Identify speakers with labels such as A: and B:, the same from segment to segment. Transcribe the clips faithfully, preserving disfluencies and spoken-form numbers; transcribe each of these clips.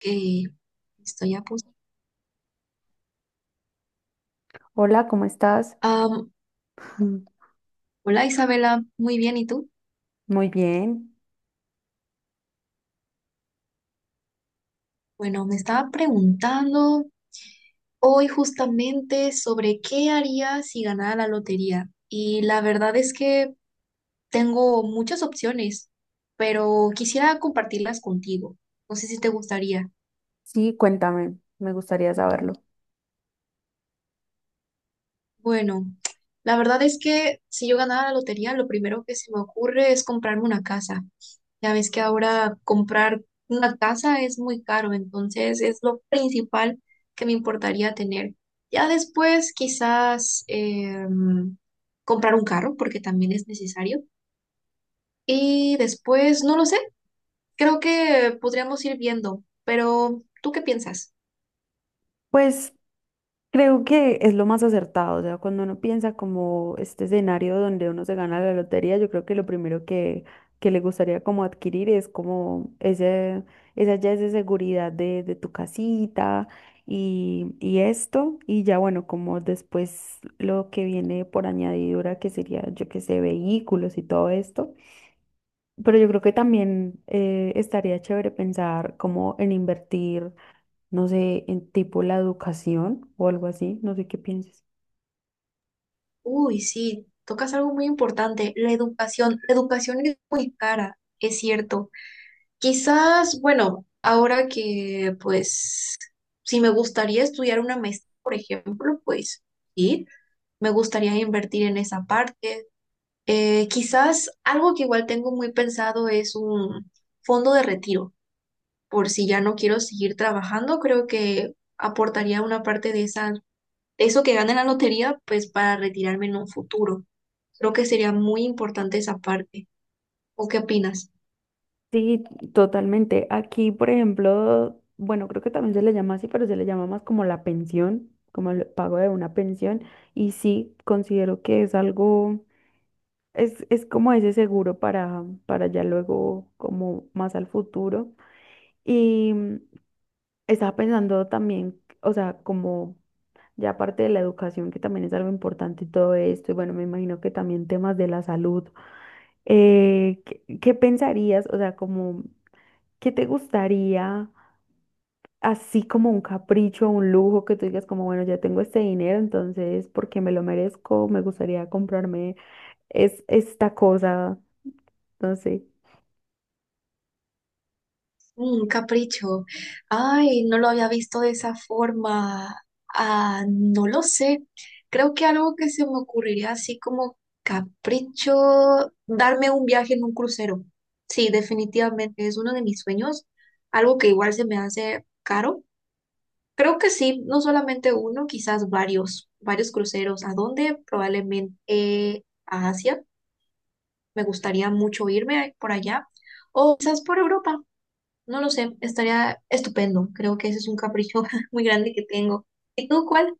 A: Eh, estoy a punto.
B: Hola, ¿cómo estás?
A: Am, Hola Isabela, muy bien, ¿y tú?
B: Muy bien.
A: Bueno, me estaba preguntando hoy justamente sobre qué haría si ganara la lotería. Y la verdad es que tengo muchas opciones, pero quisiera compartirlas contigo. No sé si te gustaría.
B: Sí, cuéntame, me gustaría saberlo.
A: Bueno, la verdad es que si yo ganara la lotería, lo primero que se me ocurre es comprarme una casa. Ya ves que ahora comprar una casa es muy caro, entonces es lo principal que me importaría tener. Ya después quizás em, comprar un carro, porque también es necesario. Y después, no lo sé, creo que podríamos ir viendo, pero ¿tú qué piensas?
B: Pues creo que es lo más acertado, o sea, cuando uno piensa como este escenario donde uno se gana la lotería, yo creo que lo primero que, que le gustaría como adquirir es como ese, esa ya esa seguridad de, de tu casita y, y esto, y ya bueno, como después lo que viene por añadidura, que sería, yo que sé, vehículos y todo esto. Pero yo creo que también eh, estaría chévere pensar como en invertir, no sé, en tipo la educación o algo así, no sé qué pienses.
A: Uy, sí, tocas algo muy importante, la educación. La educación es muy cara, es cierto. Quizás, bueno, ahora que pues si me gustaría estudiar una maestría, por ejemplo, pues sí, me gustaría invertir en esa parte. Eh, quizás algo que igual tengo muy pensado es un fondo de retiro, por si ya no quiero seguir trabajando, creo que aportaría una parte de esa, de eso que gane la lotería, pues para retirarme en un futuro. Creo que sería muy importante esa parte. ¿O qué opinas?
B: Sí, totalmente. Aquí, por ejemplo, bueno, creo que también se le llama así, pero se le llama más como la pensión, como el pago de una pensión. Y sí, considero que es algo, es, es como ese seguro para, para ya luego, como más al futuro. Y mm, estaba pensando también, o sea, como... Ya aparte de la educación, que también es algo importante y todo esto, y bueno, me imagino que también temas de la salud. eh, ¿qué, qué pensarías? O sea, como, ¿qué te gustaría, así como un capricho, un lujo, que tú digas como, bueno, ya tengo este dinero, entonces, porque me lo merezco, me gustaría comprarme es, esta cosa, no sé.
A: Un capricho. Ay, no lo había visto de esa forma. Ah, no lo sé. Creo que algo que se me ocurriría así como capricho, darme un viaje en un crucero. Sí, definitivamente es uno de mis sueños. Algo que igual se me hace caro. Creo que sí, no solamente uno, quizás varios, varios cruceros. ¿A dónde? Probablemente eh, a Asia. Me gustaría mucho irme por allá. O quizás por Europa. No lo sé, estaría estupendo. Creo que ese es un capricho muy grande que tengo. ¿Y tú cuál?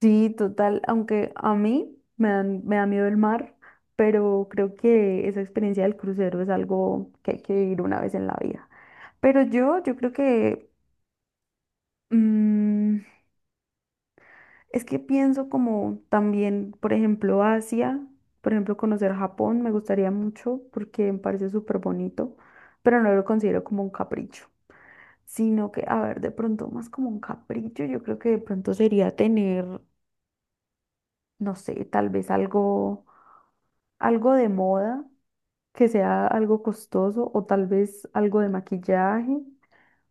B: Sí, total, aunque a mí me dan- me da miedo el mar, pero creo que esa experiencia del crucero es algo que hay que vivir una vez en la vida. Pero yo, yo creo que mm, es que pienso como también, por ejemplo, Asia, por ejemplo, conocer Japón me gustaría mucho porque me parece súper bonito, pero no lo considero como un capricho, sino que, a ver, de pronto más como un capricho, yo creo que de pronto sería tener no sé, tal vez algo, algo de moda, que sea algo costoso, o tal vez algo de maquillaje,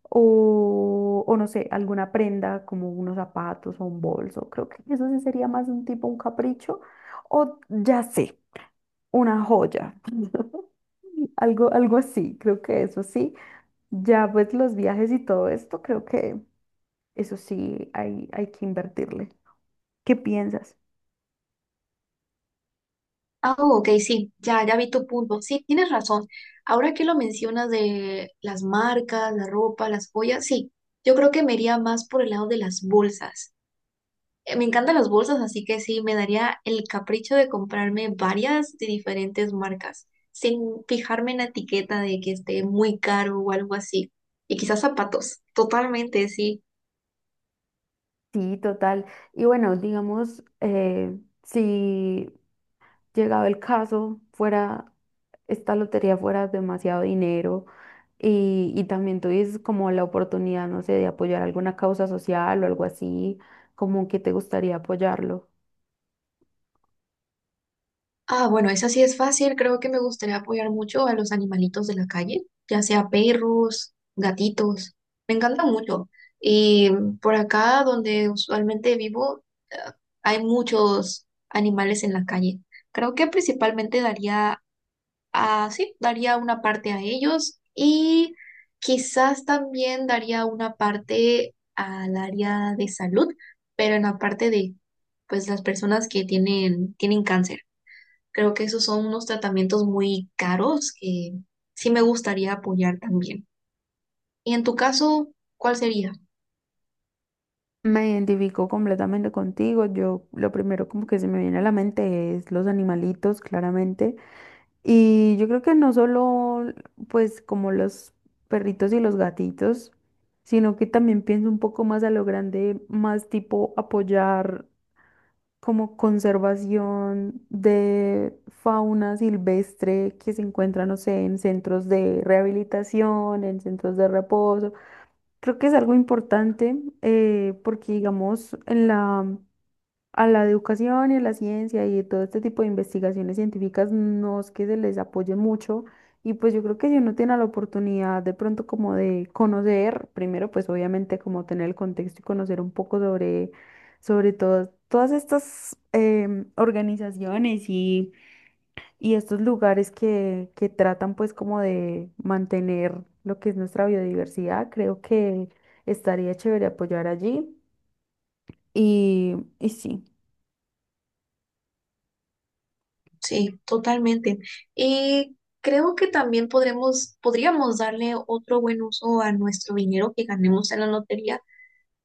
B: o, o no sé, alguna prenda como unos zapatos o un bolso. Creo que eso sí sería más un tipo, un capricho, o ya sé, una joya. Algo, algo así, creo que eso sí. Ya pues los viajes y todo esto, creo que eso sí hay, hay que invertirle. ¿Qué piensas?
A: Ah, ok, sí, ya, ya vi tu punto. Sí, tienes razón. Ahora que lo mencionas de las marcas, la ropa, las joyas, sí, yo creo que me iría más por el lado de las bolsas. Eh, Me encantan las bolsas, así que sí, me daría el capricho de comprarme varias de diferentes marcas, sin fijarme en la etiqueta de que esté muy caro o algo así. Y quizás zapatos, totalmente, sí.
B: Sí, total. Y bueno, digamos, eh, si llegado el caso, fuera, esta lotería fuera demasiado dinero y, y también tuvieses como la oportunidad, no sé, de apoyar alguna causa social o algo así, como que te gustaría apoyarlo.
A: Ah, bueno, esa sí es fácil. Creo que me gustaría apoyar mucho a los animalitos de la calle, ya sea perros, gatitos. Me encantan mucho. Y por acá, donde usualmente vivo, eh, hay muchos animales en la calle. Creo que principalmente daría a, sí, daría una parte a ellos y quizás también daría una parte al área de salud, pero en la parte de, pues, las personas que tienen, tienen cáncer. Creo que esos son unos tratamientos muy caros que sí me gustaría apoyar también. Y en tu caso, ¿cuál sería?
B: Me identifico completamente contigo. Yo lo primero como que se me viene a la mente es los animalitos, claramente. Y yo creo que no solo, pues, como los perritos y los gatitos, sino que también pienso un poco más a lo grande, más tipo apoyar como conservación de fauna silvestre que se encuentra, no sé, en centros de rehabilitación, en centros de reposo. Creo que es algo importante eh, porque, digamos, en la a la educación y a la ciencia y todo este tipo de investigaciones científicas no es que se les apoye mucho y pues yo creo que si uno tiene la oportunidad de pronto como de conocer, primero pues obviamente como tener el contexto y conocer un poco sobre, sobre todo todas estas em, organizaciones y, y estos lugares que, que tratan pues como de mantener lo que es nuestra biodiversidad, creo que estaría chévere apoyar allí y, y sí.
A: Sí, totalmente. Y creo que también podremos, podríamos darle otro buen uso a nuestro dinero que ganemos en la lotería.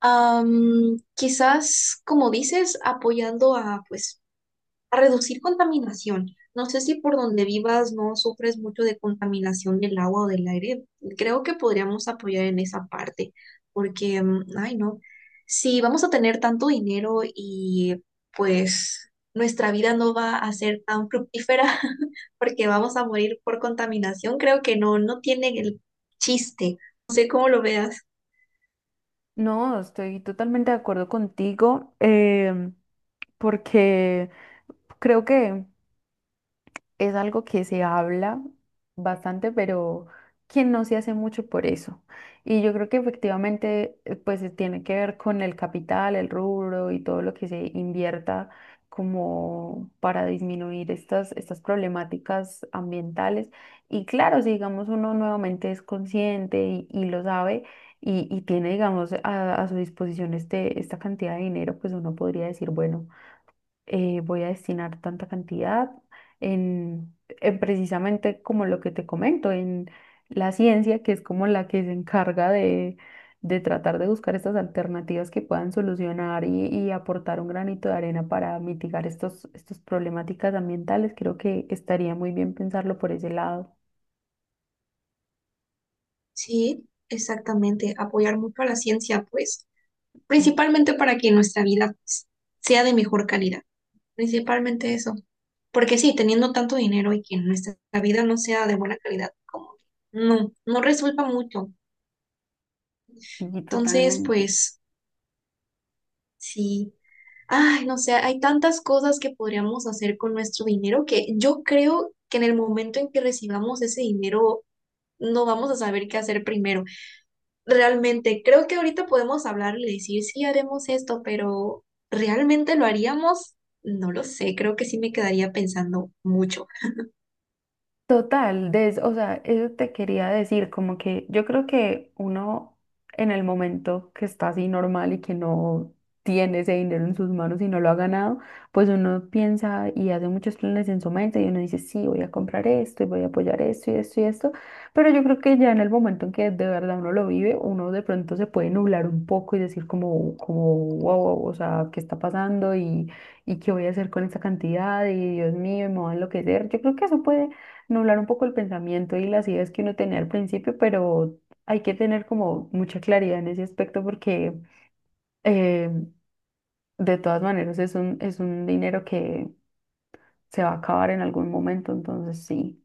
A: Am, quizás, como dices, apoyando a pues a reducir contaminación. No sé si por donde vivas no sufres mucho de contaminación del agua o del aire. Creo que podríamos apoyar en esa parte, porque, mm, ay, no, si vamos a tener tanto dinero y pues nuestra vida no va a ser tan fructífera porque vamos a morir por contaminación, creo que no, no tiene el chiste. No sé cómo lo veas.
B: No, estoy totalmente de acuerdo contigo, em, porque creo que es algo que se habla bastante, pero que no se hace mucho por eso. Y yo creo que efectivamente, eh, pues eh, tiene que ver con el capital, el rubro y todo lo que se invierta como para disminuir estas, estas problemáticas ambientales. Y claro, si digamos uno nuevamente es consciente y, y lo sabe y, y tiene, digamos, a, a su disposición este, esta cantidad de dinero, pues uno podría decir, bueno eh, voy a destinar tanta cantidad en, en precisamente como lo que te comento, en la ciencia, que es como la que se encarga de, de tratar de buscar estas alternativas que puedan solucionar y, y aportar un granito de arena para mitigar estos, estas problemáticas ambientales. Creo que estaría muy bien pensarlo por ese lado.
A: Sí, exactamente, apoyar mucho a la ciencia, pues,
B: Mm.
A: principalmente para que nuestra vida, pues, sea de mejor calidad, principalmente eso. Porque sí, teniendo tanto dinero y que nuestra vida no sea de buena calidad, como que no, no resulta mucho.
B: Sí,
A: Entonces,
B: totalmente.
A: pues sí, ay, no sé, hay tantas cosas que podríamos hacer con nuestro dinero que yo creo que en el momento en que recibamos ese dinero no vamos a saber qué hacer primero. Realmente creo que ahorita podemos hablar y decir, sí, haremos esto, pero ¿realmente lo haríamos? No lo sé, creo que sí me quedaría pensando mucho.
B: Total, des- o sea, eso te quería decir, como que yo creo que uno en el momento que está así normal y que no tiene ese dinero en sus manos y no lo ha ganado, pues uno piensa y hace muchos planes en su mente y uno dice, sí, voy a comprar esto y voy a apoyar esto y esto y esto, pero yo creo que ya en el momento en que de verdad uno lo vive, uno de pronto se puede nublar un poco y decir como, como, wow, wow, o sea, ¿qué está pasando? Y, y qué voy a hacer con esta cantidad y Dios mío, me voy a enloquecer. Yo creo que eso puede nublar un poco el pensamiento y las ideas que uno tenía al principio, pero hay que tener como mucha claridad en ese aspecto porque eh, de todas maneras es un, es un dinero que se va a acabar en algún momento, entonces sí.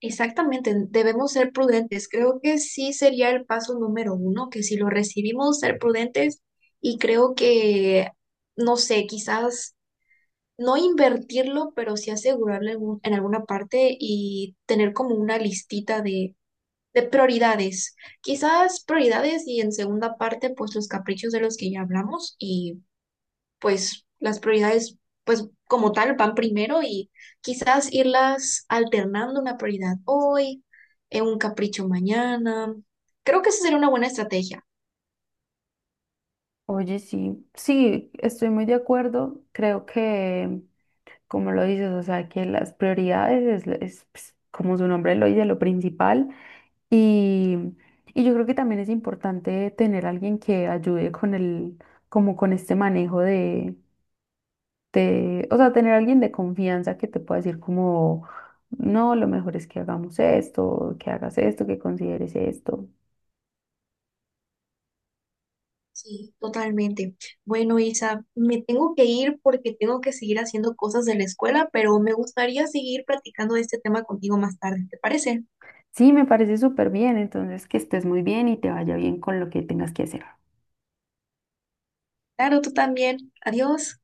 A: Exactamente, debemos ser prudentes. Creo que sí sería el paso número uno, que si lo recibimos, ser prudentes y creo que, no sé, quizás no invertirlo, pero sí asegurarle algún- en alguna parte y tener como una listita de de prioridades. Quizás prioridades y en segunda parte, pues los caprichos de los que ya hablamos y pues las prioridades, pues como tal, van primero y quizás irlas alternando una prioridad hoy, eh, un capricho mañana. Creo que esa sería una buena estrategia.
B: Oye, sí, sí, estoy muy de acuerdo. Creo que, como lo dices, o sea, que las prioridades es, es, pues, como su nombre lo dice, lo principal. Y, y yo creo que también es importante tener alguien que ayude con el, como con este manejo de, te, o sea, tener alguien de confianza que te pueda decir como, no, lo mejor es que hagamos esto, que hagas esto, que consideres esto.
A: Sí, totalmente. Bueno, Isa, me tengo que ir porque tengo que seguir haciendo cosas de la escuela, pero me gustaría seguir platicando de este tema contigo más tarde, ¿te parece?
B: Sí, me parece súper bien, entonces que estés muy bien y te vaya bien con lo que tengas que hacer.
A: Claro, tú también. Adiós.